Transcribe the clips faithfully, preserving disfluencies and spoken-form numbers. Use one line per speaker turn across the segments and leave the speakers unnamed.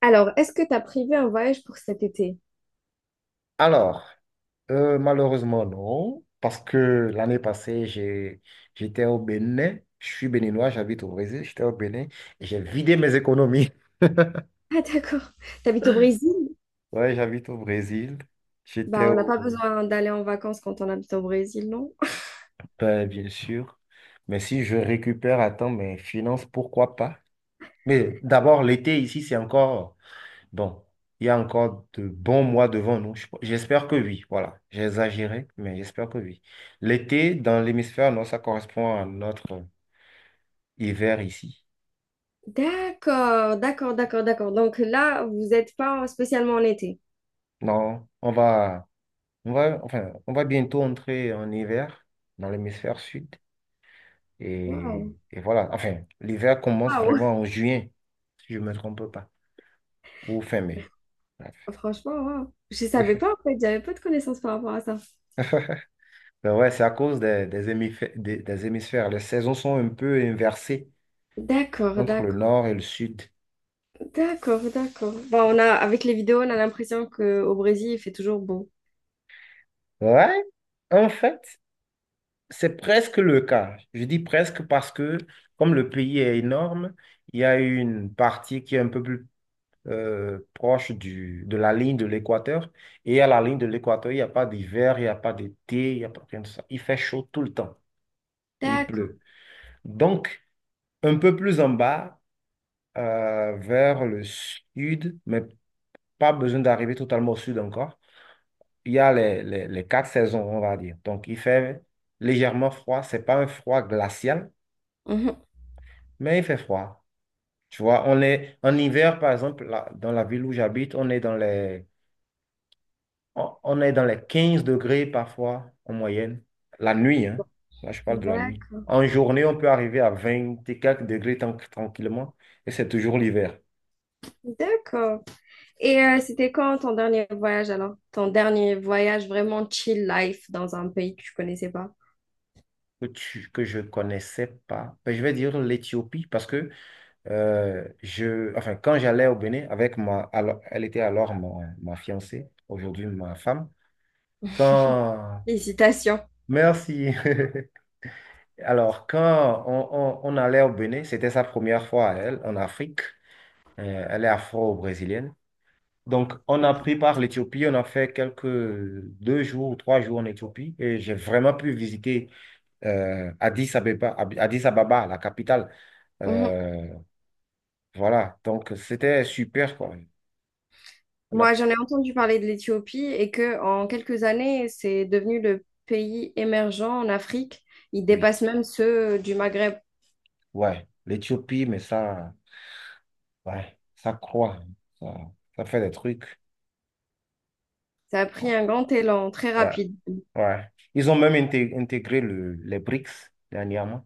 Alors, est-ce que tu as prévu un voyage pour cet été?
Alors, euh, malheureusement, non, parce que l'année passée, j'ai, j'étais au Bénin. Je suis béninois, j'habite au Brésil. J'étais au Bénin et j'ai vidé mes économies.
Ah, d'accord. T'habites au Brésil?
Ouais, j'habite au Brésil. J'étais
Bah, on n'a
au
pas besoin d'aller en vacances quand on habite au Brésil, non?
ben, bien sûr. Mais si je récupère à temps mes finances, pourquoi pas? Mais d'abord, l'été ici, c'est encore bon. Il y a encore de bons mois devant nous. Je- J'espère que oui. Voilà, j'ai exagéré, mais j'espère que oui. L'été, dans l'hémisphère nord, ça correspond à notre hiver ici.
D'accord, d'accord, d'accord, d'accord. Donc là, vous n'êtes pas spécialement en été.
Non, on va, on va, enfin, on va bientôt entrer en hiver dans l'hémisphère sud.
Waouh,
Et, et voilà, enfin, l'hiver commence
waouh.
vraiment en juin, si je ne me trompe pas, ou fin mai. Bref.
Franchement, waouh. Je savais pas en fait, j'avais pas de connaissances par rapport à ça.
Ben ouais, c'est à cause des, des hémifè- des- des hémisphères. Les saisons sont un peu inversées
D'accord,
entre le
d'accord,
nord et le sud.
d'accord, d'accord. Bon, on a, avec les vidéos, on a l'impression qu'au Brésil, il fait toujours beau.
Ouais, en fait, c'est presque le cas. Je dis presque parce que, comme le pays est énorme, il y a une partie qui est un peu plus euh, proche du, de la ligne de l'équateur. Et à la ligne de l'équateur, il n'y a pas d'hiver, il n'y a pas d'été, il n'y a pas rien de ça. Il fait chaud tout le temps et il
D'accord.
pleut. Donc, un peu plus en bas, euh, vers le sud, mais pas besoin d'arriver totalement au sud encore, il y a les, les, les quatre saisons, on va dire. Donc, il fait légèrement froid. C'est pas un froid glacial,
Mhm.
mais il fait froid. Tu vois, on est en hiver, par exemple, là, dans la ville où j'habite, on est dans les on on est dans les quinze degrés parfois en moyenne, la nuit, hein. Là, je parle de la nuit.
D'accord.
En journée, on peut arriver à vingt et quelques degrés tan- tranquillement, et c'est toujours l'hiver.
D'accord. Et euh, c'était quand ton dernier voyage alors? Ton dernier voyage vraiment chill life dans un pays que tu connaissais pas?
Que, tu- que je connaissais pas. Ben, je vais dire l'Éthiopie parce que euh, je, enfin, quand j'allais au Bénin avec ma, alors- elle était alors ma, ma fiancée, aujourd'hui ma femme. Quand,
Félicitations.
merci. Alors, quand on, on on allait au Bénin, c'était sa première fois à elle en Afrique. Euh, elle est afro-brésilienne. Donc, on a pris par l'Éthiopie, on a fait quelques deux jours ou trois jours en Éthiopie et j'ai vraiment pu visiter euh, Addis Abeba, Ab- Addis Ababa, la capitale.
Mhm.
Euh, voilà, donc c'était super quoi. On a
Moi, j'en
pu-
ai entendu parler de l'Éthiopie et que en quelques années, c'est devenu le pays émergent en Afrique. Il
oui,
dépasse même ceux du Maghreb.
ouais, l'Éthiopie, mais ça, ouais, ça croît, hein. ça, ça fait des trucs.
Ça a pris
Ouais,
un grand élan très
ouais.
rapide.
Ouais. Ils ont même inté- intégré le, les B R I C S dernièrement.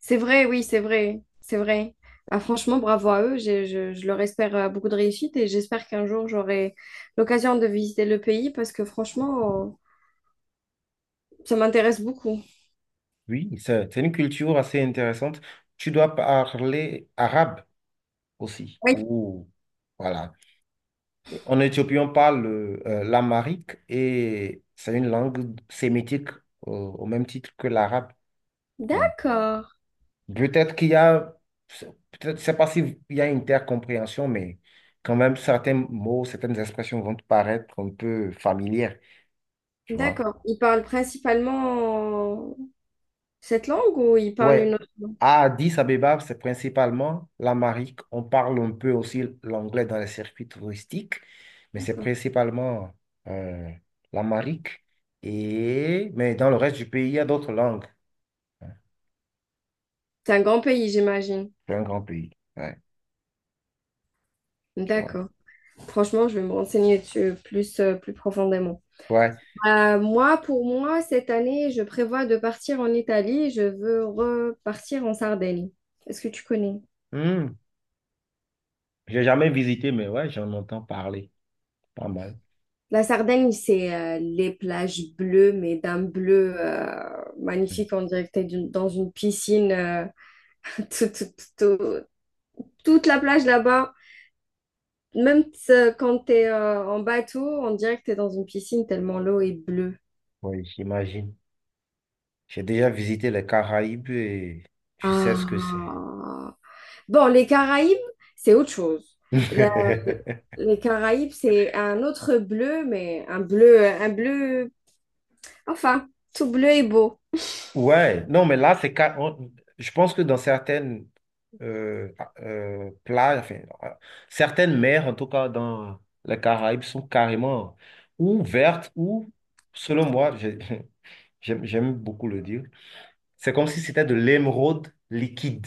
C'est vrai, oui, c'est vrai, c'est vrai. Ah, franchement, bravo à eux. J'ai- Je, je leur espère euh, beaucoup de réussite et j'espère qu'un jour j'aurai l'occasion de visiter le pays parce que franchement, euh, ça m'intéresse beaucoup.
Oui, c'est c'est une culture assez intéressante. Tu dois parler arabe aussi.
Oui.
Ou voilà. En Éthiopie, on parle euh, l'amharique et c'est une langue sémitique, euh, au même titre que l'arabe. Mm.
D'accord,
Peut-être qu'il y a, c'est- peut-être, je sais pas s'il y a une intercompréhension, mais quand même certains mots, certaines expressions vont te paraître un peu familières, tu vois.
d'accord. Ils parlent principalement cette langue ou ils parlent
Ouais,
une autre langue
à Addis Abeba, c'est principalement l'amharique. On parle un peu aussi l'anglais dans les circuits touristiques, mais c'est
encore.
principalement euh, l'amharique. Et... Mais dans le reste du pays, il y a d'autres langues, hein.
C'est un grand pays, j'imagine.
C'est un grand pays. Ouais, tu vois.
D'accord. Franchement, je vais me renseigner dessus plus, euh, plus profondément.
Ouais.
Euh, moi, pour moi, cette année, je prévois de partir en Italie. Je veux repartir en Sardaigne. Est-ce que tu connais?
Hmm. J'ai jamais visité, mais ouais, j'en entends parler. Pas mal.
La Sardaigne, c'est euh, les plages bleues, mais d'un bleu euh,
Hmm.
magnifique. On dirait que t'es d'une- dans une piscine. euh, tout- tout- tout- tout- toute la plage là-bas. Même euh, quand t'es euh, en bateau, on dirait que t'es dans une piscine tellement l'eau est bleue.
Ouais, j'imagine. J'ai déjà visité les Caraïbes et je sais ce que c'est.
Ah. Bon, les Caraïbes, c'est autre chose. La- les Caraïbes, c'est un autre bleu, mais un bleu, un bleu, enfin, tout bleu est beau.
Ouais, non, mais là, c'est ca- on- je pense que dans certaines euh, euh, plages, enfin, euh, certaines mers, en tout cas dans les Caraïbes, sont carrément ou vertes ou, selon moi, j'ai- j'aime j'aime beaucoup le dire, c'est comme si c'était de l'émeraude liquide.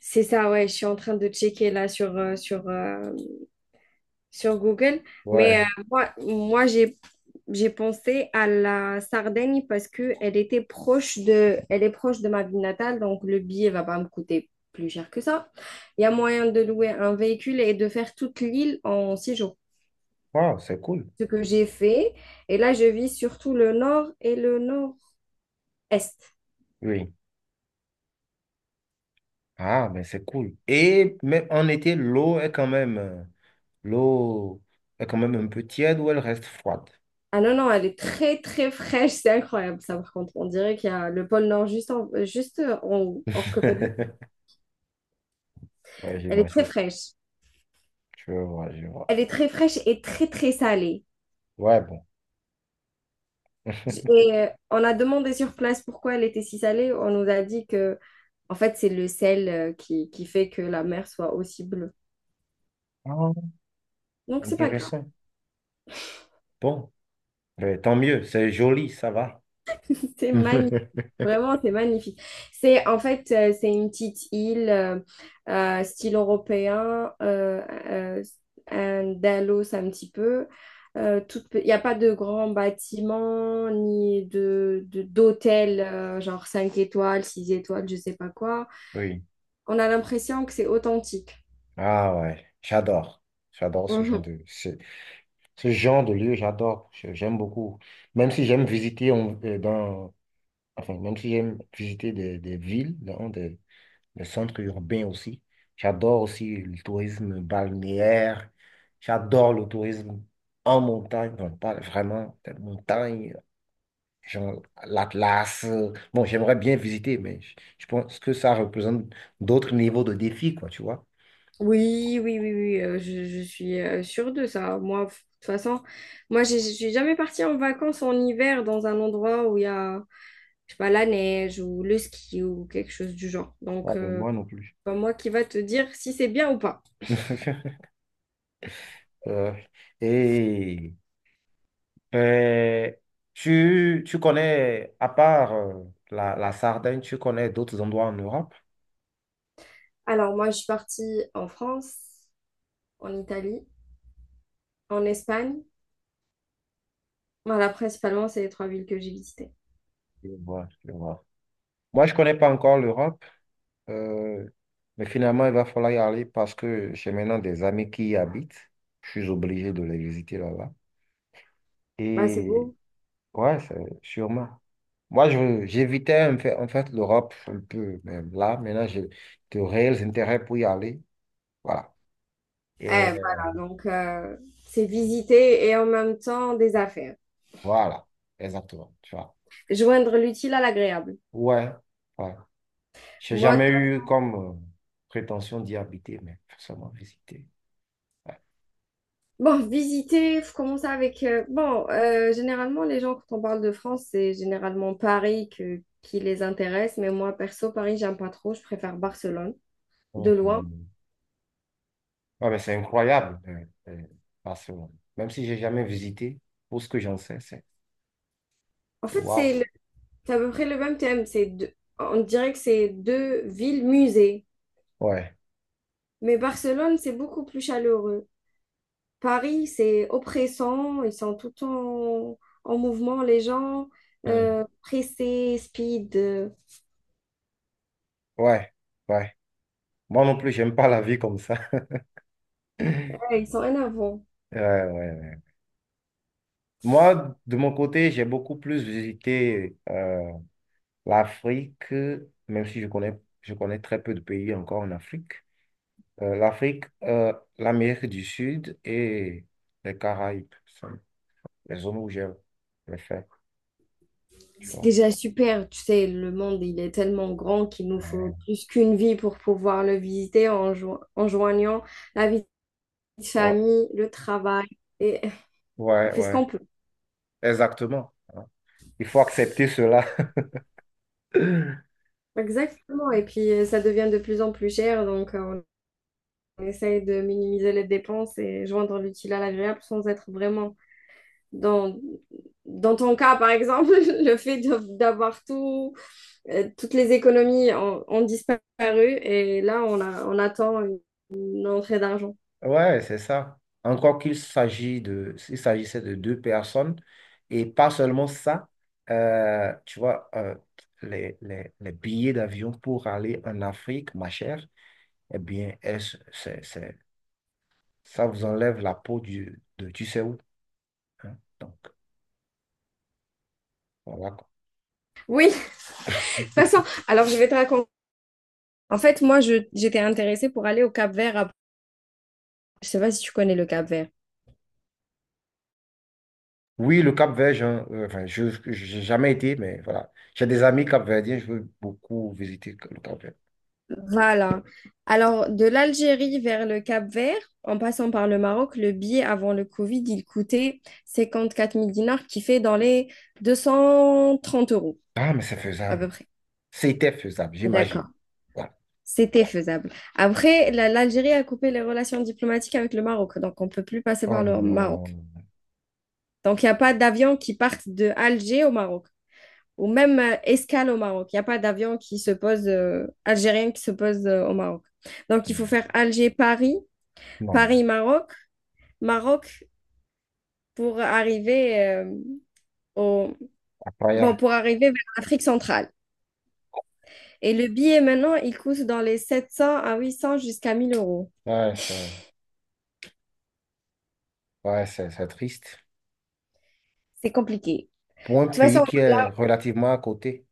C'est ça, ouais, je suis en train de checker là sur, euh, sur, euh, sur Google. Mais
Ouais,
euh, moi, moi j'ai, j'ai pensé à la Sardaigne parce que elle était proche de, elle est proche de ma ville natale, donc le billet va pas me coûter plus cher que ça. Il y a moyen de louer un véhicule et de faire toute l'île en six jours.
wow, c'est cool.
Ce que j'ai fait. Et là, je vis surtout le nord et le nord-est.
Oui. Ah, mais c'est cool. Et même en été, l'eau est quand même, euh, l'eau est quand même un peu tiède ou elle reste froide.
Ah non, non, elle est très, très fraîche. C'est incroyable, ça, par contre. On dirait qu'il y a le pôle nord juste en, juste en haut. Or que pas du tout.
Ouais,
Elle est très
j'imagine.
fraîche.
Je vois, je vois.
Elle est très fraîche et très, très salée.
Ouais, bon.
J- Et euh, on a demandé sur place pourquoi elle était si salée. On nous a dit que, en fait, c'est le sel euh, qui, qui fait que la mer soit aussi bleue.
Ah,
Donc, c'est pas grave.
intéressant. Bon, ben, tant mieux, c'est joli, ça va.
C'est magnifique. Vraiment, c'est magnifique. C'est en fait, euh, c'est une petite île euh, euh, style européen, euh, euh, Andalos un petit peu. Euh, toute pe- Il n'y a pas de grands bâtiments ni de, de- d'hôtels euh, genre cinq étoiles, six étoiles, je sais pas quoi.
Oui.
On a l'impression que c'est authentique.
Ah ouais, j'adore. J'adore ce genre
Mhm.
de, ce, ce genre de lieu, j'adore. Je- J'aime beaucoup. Même si j'aime visiter on- euh, dans, enfin, même si j'aime visiter des, des villes, dans des, des centres urbains aussi. J'adore aussi le tourisme balnéaire. J'adore le tourisme en montagne, enfin, pas vraiment des montagnes genre l'Atlas. euh, Bon, j'aimerais bien visiter, mais je je pense que ça représente d'autres niveaux de défis, quoi, tu vois.
Oui, oui, oui, oui, euh, je, je suis euh, sûre de ça. Moi, f- de toute façon, moi, j'ai- je suis jamais partie en vacances en hiver dans un endroit où il y a je sais pas, la neige ou le ski ou quelque chose du genre.
Ah,
Donc,
ben,
euh,
moi
c'est
non plus.
pas moi qui va te dire si c'est bien ou pas.
Euh, et euh, tu, tu connais, à part euh, la, la Sardaigne, tu connais d'autres endroits en Europe?
Alors, moi, je suis partie en France, en Italie, en Espagne. Voilà, principalement, c'est les trois villes que j'ai visitées.
Je vois, je vois. Moi, je ne connais pas encore l'Europe, euh, mais finalement, il va falloir y aller parce que j'ai maintenant des amis qui y habitent. Je suis obligé de les visiter là-bas.
Bah, c'est
Et
beau.
ouais, c'est sûrement. Moi, je, j'évitais en fait, en fait l'Europe un peu, même là, maintenant, j'ai de réels intérêts pour y aller. Voilà. Et
Eh, voilà, donc, euh, c'est visiter et en même temps des affaires.
voilà, exactement. Tu vois.
Joindre l'utile à l'agréable.
Ouais, ouais. J'ai
Moi.
jamais eu comme euh, prétention d'y habiter, mais forcément visiter. Ouais.
Bon, visiter, faut commencer avec. Euh, bon, euh, généralement, les gens, quand on parle de France, c'est généralement Paris que- qui les intéresse. Mais moi, perso, Paris, j'aime pas trop. Je préfère Barcelone, de loin.
Mhm. Ouais, mais c'est incroyable. euh, euh, Barcelone. Même si j'ai jamais visité, pour ce que j'en sais, c'est
En
c'est
fait,
waouh.
c'est le- c'est à peu près le même thème. C'est deux- On dirait que c'est deux villes musées.
Ouais.
Mais Barcelone, c'est beaucoup plus chaleureux. Paris, c'est oppressant. Ils sont tout le temps en mouvement, les gens.
Hmm.
Euh, pressés, speed. Euh,
Ouais. Ouais. Moi non plus, j'aime pas la vie comme ça.
ouais, ils sont énervants.
Ouais, ouais, ouais. Moi, de mon côté, j'ai beaucoup plus visité euh, l'Afrique, même si je connais, je connais très peu de pays encore en Afrique. Euh, l'Afrique, euh, l'Amérique du Sud et les Caraïbes, c'est les zones où j'ai j'ai fait. Tu
C'est
vois.
déjà super, tu sais, le monde, il est tellement grand qu'il nous faut
Euh,
plus qu'une vie pour pouvoir le visiter en, jo- en joignant la vie de
Ouais,
famille, le travail, et on
ouais,
fait ce
ouais.
qu'on peut.
Exactement, hein. Il faut accepter cela.
Exactement, et puis euh, ça devient de plus en plus cher, donc euh, on essaye de minimiser les dépenses et joindre l'utile à l'agréable sans être vraiment dans. Dans ton cas, par exemple, le fait de- d'avoir tout, euh, toutes les économies ont, ont disparu et là, on a, on attend une une entrée d'argent.
Ouais, c'est ça. Encore qu'il s'agit de, s'il s'agissait de deux personnes, et pas seulement ça, euh, tu vois, euh, les, les, les billets d'avion pour aller en Afrique, ma chère, eh bien, est-ce- c'est, c'est- ça vous enlève la peau du, de tu sais où, hein. Donc, voilà, quoi.
Oui, de toute façon, alors je vais te raconter. En fait, moi, je- j'étais intéressée pour aller au Cap-Vert. à- Je sais pas si tu connais le Cap-Vert.
Oui, le Cap-Vert, j'en- euh, enfin, je n'ai jamais été, mais voilà. J'ai des amis capverdiens, je veux beaucoup visiter le Cap-Vert.
Voilà. Alors, de l'Algérie vers le Cap-Vert, en passant par le Maroc, le billet avant le Covid, il coûtait cinquante-quatre mille dinars, qui fait dans les deux cent trente euros
Ah, mais c'est
à peu
faisable.
près.
C'était faisable,
D'accord.
j'imagine. Voilà.
C'était faisable. Après, la- l'Algérie a coupé les relations diplomatiques avec le Maroc, donc on ne peut plus passer
Oh
par le Maroc.
non,
Donc, il n'y a pas d'avion qui parte de Alger au Maroc. Ou même euh, escale au Maroc. Il n'y a pas d'avion qui se pose, euh, algérien qui se pose euh, au Maroc. Donc, il faut faire Alger-Paris,
non.
Paris-Maroc, Maroc pour arriver, euh, au.
Après,
Bon, pour arriver vers l'Afrique centrale. Et le billet, maintenant, il coûte dans les sept cents à huit cents jusqu'à mille euros.
ouais, ça- ouais, c'est c'est triste.
C'est compliqué. De
Pour un
toute
pays
façon,
qui est
là,
relativement à côté.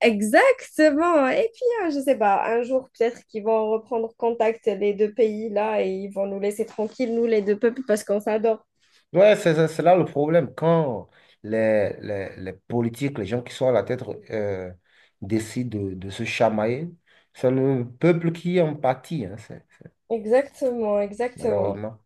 exactement. Et puis, hein, je sais pas, un jour, peut-être qu'ils vont reprendre contact, les deux pays, là, et ils vont nous laisser tranquilles, nous, les deux peuples, parce qu'on s'adore.
Ouais, c'est c'est- c'est là le problème. Quand les, les, les politiques, les gens qui sont à la tête, euh, décident de, de se chamailler, c'est le peuple qui en pâtit, hein, c'est- c'est-
Exactement, exactement.
malheureusement.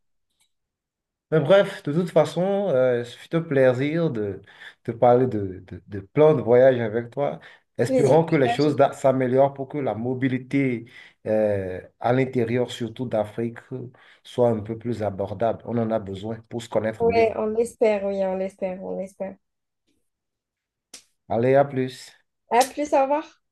Mais bref, de toute façon, euh, ce fut un plaisir de te parler de, de, de plans de voyage avec toi.
Plaisir
Espérons que les choses
partagé.
da- s'améliorent pour que la mobilité, euh, à l'intérieur, surtout d'Afrique, soit un peu plus abordable. On en a besoin pour se connaître mieux.
Ouais, on l'espère, oui, on l'espère, on l'espère.
Allez, à plus.
À plus, au revoir.